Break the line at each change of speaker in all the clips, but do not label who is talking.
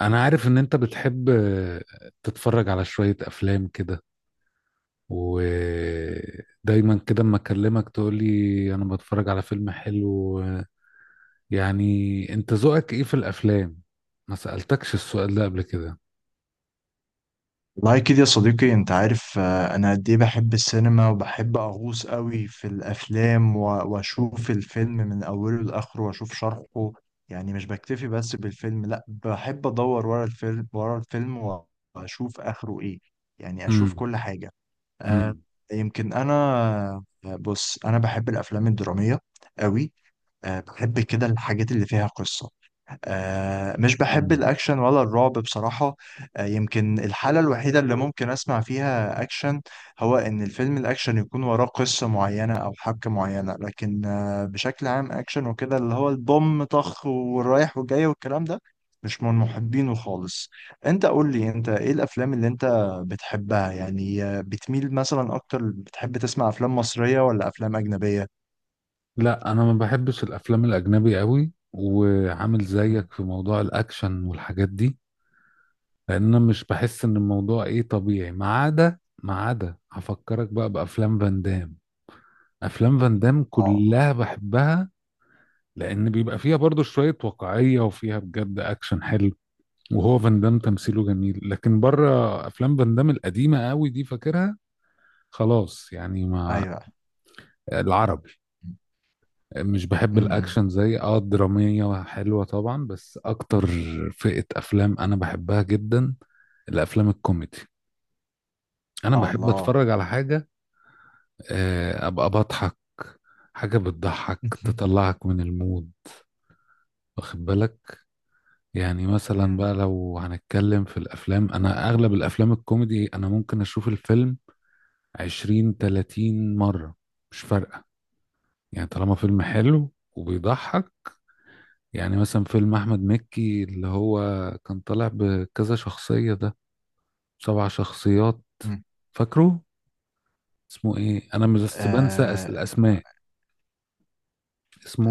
انا عارف ان انت بتحب تتفرج على شوية افلام كده، ودايما كده اما اكلمك تقولي انا بتفرج على فيلم حلو يعني. انت ذوقك ايه في الافلام؟ ما سألتكش السؤال ده قبل كده.
والله كده يا صديقي، انت عارف، انا قد ايه بحب السينما، وبحب اغوص قوي في الافلام، و- واشوف الفيلم من اوله لاخره واشوف شرحه. يعني مش بكتفي بس بالفيلم، لا، بحب ادور ورا الفيلم ورا الفيلم، و- واشوف اخره ايه. يعني اشوف
امم.
كل حاجة. آه،
امم.
يمكن انا. بص، انا بحب الافلام الدرامية قوي. بحب كده الحاجات اللي فيها قصة. مش بحب
أمم.
الأكشن ولا الرعب بصراحة. يمكن الحالة الوحيدة اللي ممكن أسمع فيها أكشن هو إن الفيلم الأكشن يكون وراه قصة معينة أو حبكة معينة، لكن بشكل عام أكشن وكده اللي هو البوم طخ والرايح والجاي والكلام ده مش من محبينه خالص. أنت قول لي، أنت إيه الأفلام اللي أنت بتحبها؟ يعني بتميل مثلا أكتر، بتحب تسمع أفلام مصرية ولا أفلام أجنبية؟
لا، انا ما بحبش الافلام الاجنبي قوي، وعامل
مم.
زيك في موضوع الاكشن والحاجات دي، لان انا مش بحس ان الموضوع ايه طبيعي، ما عدا هفكرك بقى بافلام فان دام. افلام فان دام
آه،
كلها بحبها، لان بيبقى فيها برضو شوية واقعية وفيها بجد اكشن حلو. وهو فان دام تمثيله جميل، لكن بره افلام فان دام القديمة قوي دي فاكرها، خلاص يعني. ما
أيوه.
العربي
مم.
مش بحب
مم.
الاكشن زي، الدرامية حلوة طبعا، بس اكتر فئة افلام انا بحبها جدا، الافلام الكوميدي. انا بحب
الله.
اتفرج على حاجة، ابقى بضحك. حاجة بتضحك تطلعك من المود، واخد بالك؟ يعني مثلا
مم.
بقى لو هنتكلم في الافلام، انا اغلب الافلام الكوميدي انا ممكن اشوف الفيلم 20 30 مرة، مش فارقة، يعني طالما فيلم حلو وبيضحك. يعني مثلا فيلم احمد مكي اللي هو كان طالع بكذا شخصية ده، سبع شخصيات،
مم.
فاكره؟ اسمه ايه؟ انا مش بس بنسى
آه...
الاسماء.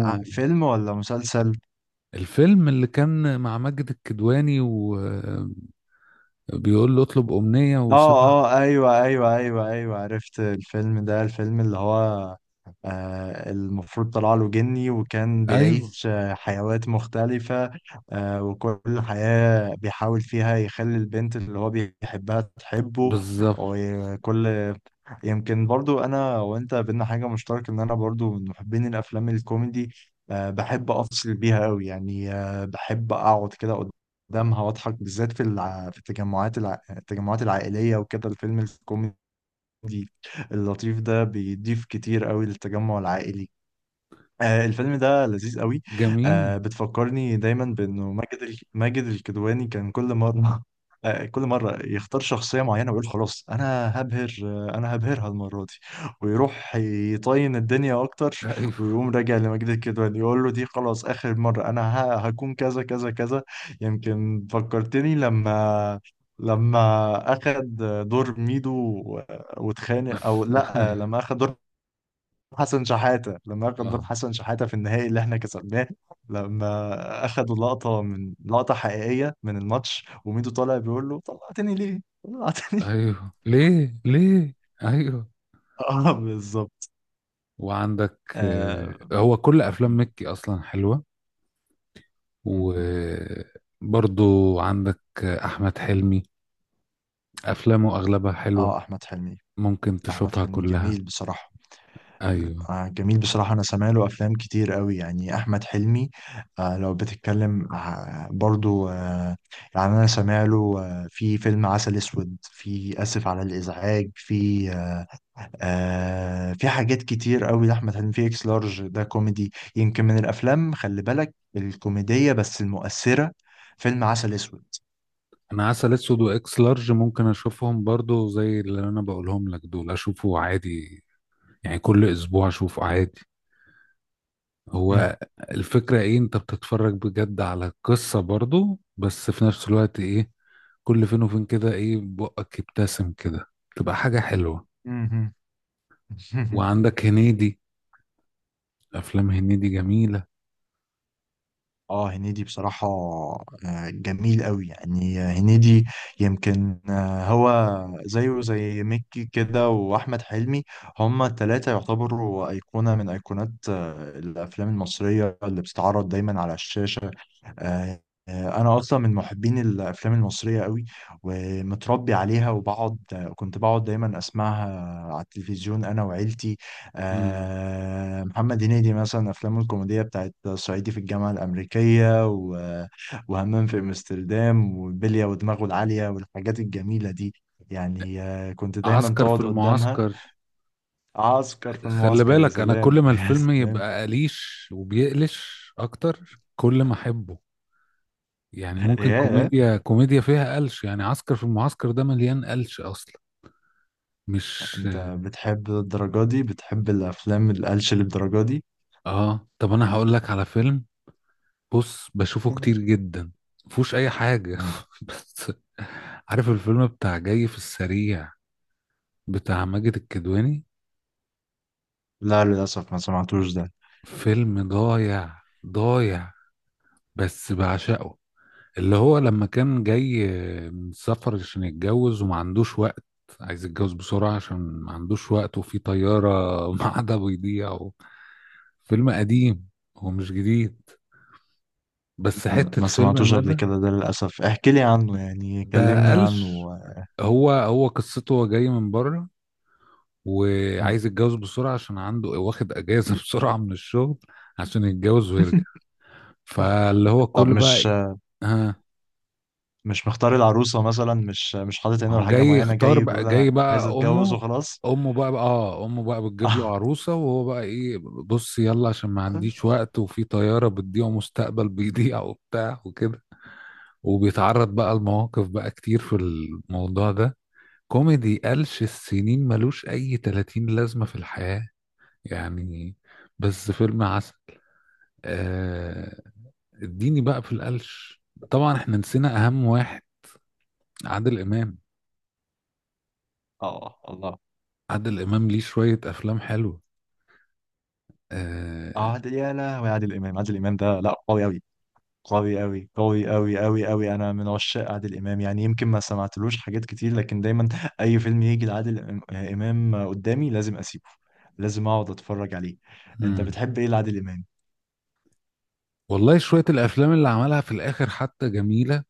فيلم ولا مسلسل؟
الفيلم اللي كان مع ماجد الكدواني وبيقول له اطلب امنية وسبع.
اه، اه، ايوه، ايوه، ايوه، ايوه، عرفت الفيلم ده. الفيلم اللي هو المفروض طلع له جني، وكان
ايوه،
بيعيش حيوات مختلفة. وكل حياة بيحاول فيها يخلي البنت اللي هو بيحبها تحبه.
بالظبط.
وكل يمكن برضو انا وانت بينا حاجة مشتركة، ان انا برضو من محبين الافلام الكوميدي. بحب افصل بيها قوي، يعني بحب اقعد كده قدامها واضحك، بالذات في في التجمعات العائلية. وكده الفيلم الكوميدي اللطيف ده بيضيف كتير قوي للتجمع العائلي. الفيلم ده لذيذ قوي.
جميل.
بتفكرني دايما بانه ماجد الكدواني كان كل مره كل مره يختار شخصيه معينه ويقول خلاص انا هبهر آه، انا هبهرها المره دي، ويروح يطين الدنيا اكتر،
ايوه.
ويقوم راجع لماجد الكدواني يقول له دي خلاص اخر مره، انا هكون كذا كذا كذا. يمكن فكرتني لما اخد دور ميدو و- واتخانق، او لا،
ايوه.
لما اخد دور حسن شحاتة. لما أخد دور
اه،
حسن شحاتة في النهائي اللي إحنا كسبناه، لما أخدوا لقطة من لقطة حقيقية من الماتش، وميدو طالع بيقول له طلعتني ليه؟ طلعتني ليه؟
ايوه. ليه
يعني
ليه. ايوه،
بالظبط.
وعندك.
آه
هو كل
م-
افلام مكي اصلا حلوه،
م- م.
وبرضو عندك احمد حلمي. افلامه اغلبها حلوه،
آه أحمد حلمي
ممكن
أحمد
تشوفها
حلمي
كلها.
جميل بصراحة.
ايوه.
جميل بصراحة. أنا سامع له أفلام كتير قوي، يعني أحمد حلمي لو بتتكلم برضو. يعني أنا سامع له في فيلم عسل أسود، في آسف على الإزعاج، في آه، آه في حاجات كتير قوي لأحمد حلمي. في اكس لارج، ده كوميدي، يمكن من الأفلام، خلي بالك، الكوميدية بس المؤثرة. فيلم عسل أسود.
انا عسل اسود واكس لارج ممكن اشوفهم برضو، زي اللي انا بقولهم لك، دول اشوفه عادي، يعني كل اسبوع اشوفه عادي.
مم.
هو الفكرة ايه؟ انت بتتفرج بجد على القصة برضو، بس في نفس الوقت ايه، كل فين وفين كده ايه بقك يبتسم كده، تبقى حاجة حلوة.
مم.
وعندك هنيدي، افلام هنيدي جميلة.
اه، هنيدي بصراحة جميل قوي يعني هنيدي. يمكن هو زيه زي مكي كده وأحمد حلمي، هما التلاتة يعتبروا أيقونة من أيقونات الأفلام المصرية اللي بتتعرض دايما على الشاشة. آه، أنا أصلا من محبين الأفلام المصرية قوي، ومتربي عليها، وبقعد آه، كنت بقعد دايما أسمعها على التلفزيون أنا وعيلتي.
مم.
محمد هنيدي مثلا، أفلامه الكوميدية بتاعت صعيدي في الجامعة الأمريكية، و- وهمام في أمستردام، وبلية، ودماغه العالية، والحاجات الجميلة دي. يعني كنت دايما
عسكر في
تقعد قدامها.
المعسكر.
عسكر في
خلي
المعسكر، يا
بالك انا
سلام!
كل ما
يا
الفيلم
سلام!
يبقى قليش وبيقلش اكتر كل ما احبه. يعني ممكن
يا
كوميديا كوميديا فيها قلش، يعني عسكر في المعسكر ده مليان قلش اصلا، مش
أنت بتحب الدرجة دي؟ بتحب الأفلام القلش للدرجة دي؟
اه طب انا هقول لك على فيلم. بص بشوفه كتير
مم.
جدا، مفهوش اي حاجه
مم.
بس. عارف الفيلم بتاع جاي في السريع، بتاع ماجد الكدواني؟
لا، للأسف ما سمعتوش ده.
فيلم ضايع ضايع، بس بعشقه. اللي هو لما كان جاي من سفر عشان يتجوز وما عندوش وقت، عايز يتجوز بسرعة عشان ما عندوش وقت، وفي طيارة معادة بيضيع فيلم قديم، هو مش جديد، بس حتة
ما
فيلم
سمعتوش قبل
مدى.
كده ده للأسف، احكي لي عنه، يعني
ده
كلمني عنه.
قلش. هو قصته هو جاي من بره،
مم.
وعايز يتجوز بسرعة عشان عنده واخد أجازة بسرعة من الشغل عشان يتجوز ويرجع. فاللي هو
طب،
كل بقى
مش
إيه، ها،
مش مختار العروسة مثلا، مش حاطط
ما
عينه على
هو
حاجة
جاي
معينة،
يختار
جاي
بقى.
بيقول
جاي
أنا عايز
بقى
أتجوز
أمه
وخلاص؟
أمه بقى, بقى آه أمه بقى بتجيب له عروسة، وهو بقى إيه، بص يلا عشان ما عنديش وقت وفي طيارة بتضيع ومستقبل بيضيع وبتاع وكده. وبيتعرض بقى لمواقف بقى كتير في الموضوع ده، كوميدي قلش، السنين ملوش أي 30 لازمة في الحياة يعني. بس فيلم عسل. آه، اديني بقى في القلش. طبعا احنا نسينا اهم واحد، عادل امام.
اه، الله.
عادل امام ليه شوية افلام حلوة. آه.
يا لهوي، عادل إمام ده لا قوي أوي، قوي أوي، قوي أوي، أوي أوي. أنا من عشاق عادل إمام، يعني يمكن ما سمعتلوش حاجات كتير، لكن دايما أي فيلم يجي لعادل إمام قدامي لازم أسيبه، لازم أقعد أتفرج عليه. أنت
مم.
بتحب إيه لعادل إمام؟
والله شوية الافلام اللي عملها في الاخر حتى جميلة،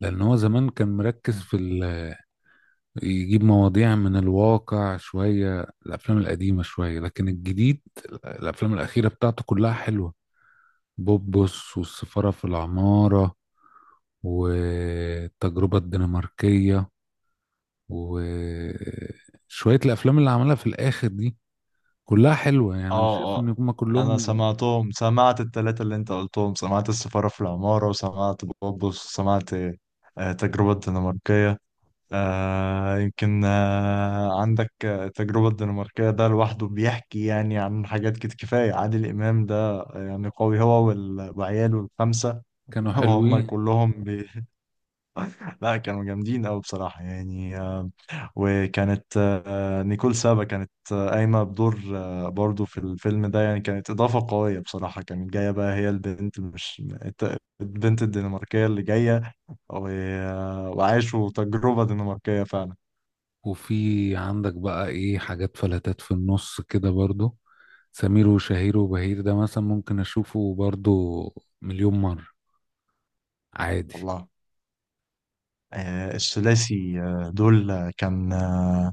لان هو زمان كان مركز يجيب مواضيع من الواقع. شوية الافلام القديمة شوية، لكن الجديد، الافلام الاخيرة بتاعته كلها حلوة. بوبوس، والسفارة في العمارة، والتجربة الدنماركية، وشوية الأفلام اللي عملها في الآخر دي كلها حلوة، يعني أنا شايف
اه،
إن
اه،
هما
انا
كلهم
سمعت التلاتة اللي انت قلتهم، سمعت السفارة في العمارة، وسمعت بوبوس، وسمعت تجربة الدنماركية. يمكن عندك التجربة الدنماركية ده لوحده بيحكي يعني عن حاجات كده، كفاية عادل إمام ده يعني قوي، هو وال- وعياله الخمسة.
كانوا
وهم
حلوين.
كلهم. لا، كانوا جامدين أوي بصراحة، يعني وكانت نيكول سابا كانت قايمة بدور برضو في الفيلم ده، يعني كانت إضافة قوية بصراحة. كانت جاية بقى هي البنت، مش البنت الدنماركية اللي جاية، و- آه، وعاشوا تجربة دنماركية فعلا.
وفي عندك بقى إيه حاجات فلتات في النص كده برضو. سمير وشهير وبهير ده مثلا ممكن أشوفه برضو مليون مرة، عادي.
والله الثلاثي دول كان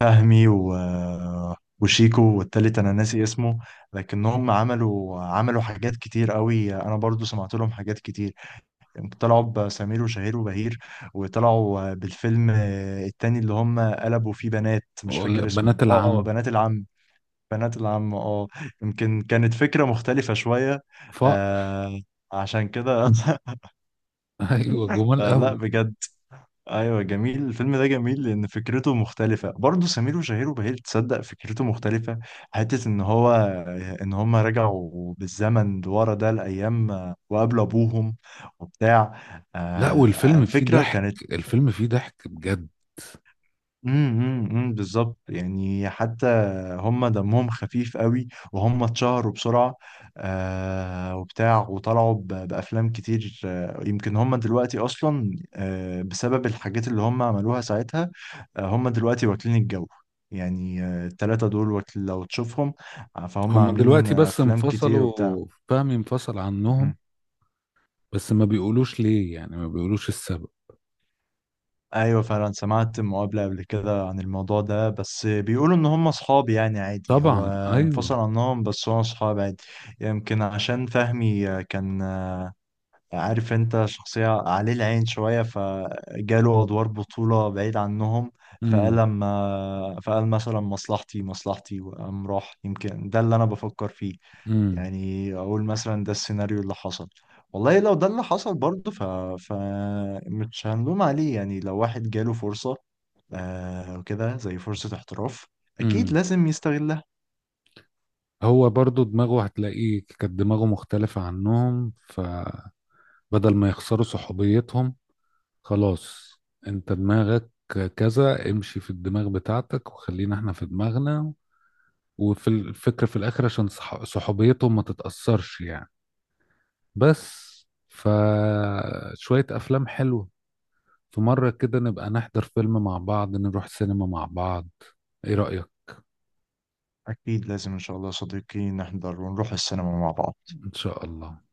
فهمي و... وشيكو، والتالت انا ناسي اسمه. لكنهم عملوا حاجات كتير قوي، انا برضو سمعت لهم حاجات كتير. طلعوا بسمير وشهير وبهير، وطلعوا بالفيلم التاني اللي هم قلبوا فيه بنات، مش فاكر اسمه،
بنات العم.
بنات العم. بنات العم، اه. يمكن كانت فكرة مختلفة شوية.
فقر.
آه، عشان كده.
أيوة، جمال
فلا،
أوي.
بجد. ايوه، جميل الفيلم ده، جميل لان فكرته مختلفه برضه. سمير وشهير وبهير، تصدق فكرته مختلفه، حته ان هم رجعوا بالزمن لورا ده الايام، وقابلوا ابوهم وبتاع.
لا، والفيلم فيه
فكره
ضحك،
كانت.
الفيلم فيه ضحك بجد.
أمم، بالظبط، يعني حتى هم دمهم خفيف قوي، وهم اتشهروا بسرعة وبتاع، وطلعوا ب- بأفلام كتير. يمكن هم دلوقتي أصلا بسبب الحاجات اللي هم عملوها ساعتها، هم دلوقتي واكلين الجو. يعني التلاتة دول لو تشوفهم، فهم
هما
عاملين
دلوقتي بس
أفلام كتير وبتاع.
انفصلوا، فهمي انفصل عنهم.
امم.
بس ما بيقولوش ليه، يعني ما بيقولوش السبب.
ايوه، فعلا سمعت مقابلة قبل كده عن الموضوع ده، بس بيقولوا ان هم اصحاب، يعني عادي، هو
طبعا،
انفصل
ايوه.
عنهم بس هو اصحاب عادي. يمكن عشان فهمي كان عارف، انت شخصية عليه العين شوية، فجاله ادوار بطولة بعيد عنهم،
امم.
فقال مثلا مصلحتي مصلحتي وقام راح، يمكن ده اللي انا بفكر فيه،
امم.
يعني اقول مثلا ده السيناريو اللي حصل. والله لو ده اللي حصل برضه ف... ف مش هنلوم عليه، يعني لو واحد جاله فرصة وكده زي فرصة احتراف أكيد
امم.
لازم يستغلها.
هو برضو دماغه هتلاقيه كانت دماغه مختلفة عنهم، فبدل ما يخسروا صحوبيتهم، خلاص، انت دماغك كذا، امشي في الدماغ بتاعتك وخلينا احنا في دماغنا، وفي الفكرة في الاخر عشان صحوبيتهم ما تتأثرش يعني. بس فشوية افلام حلوة. في مرة كده نبقى نحضر فيلم مع بعض، نروح سينما مع بعض، ايه رأيك؟
أكيد لازم إن شاء الله يا صديقي نحضر ونروح السينما مع بعض.
ان شاء الله.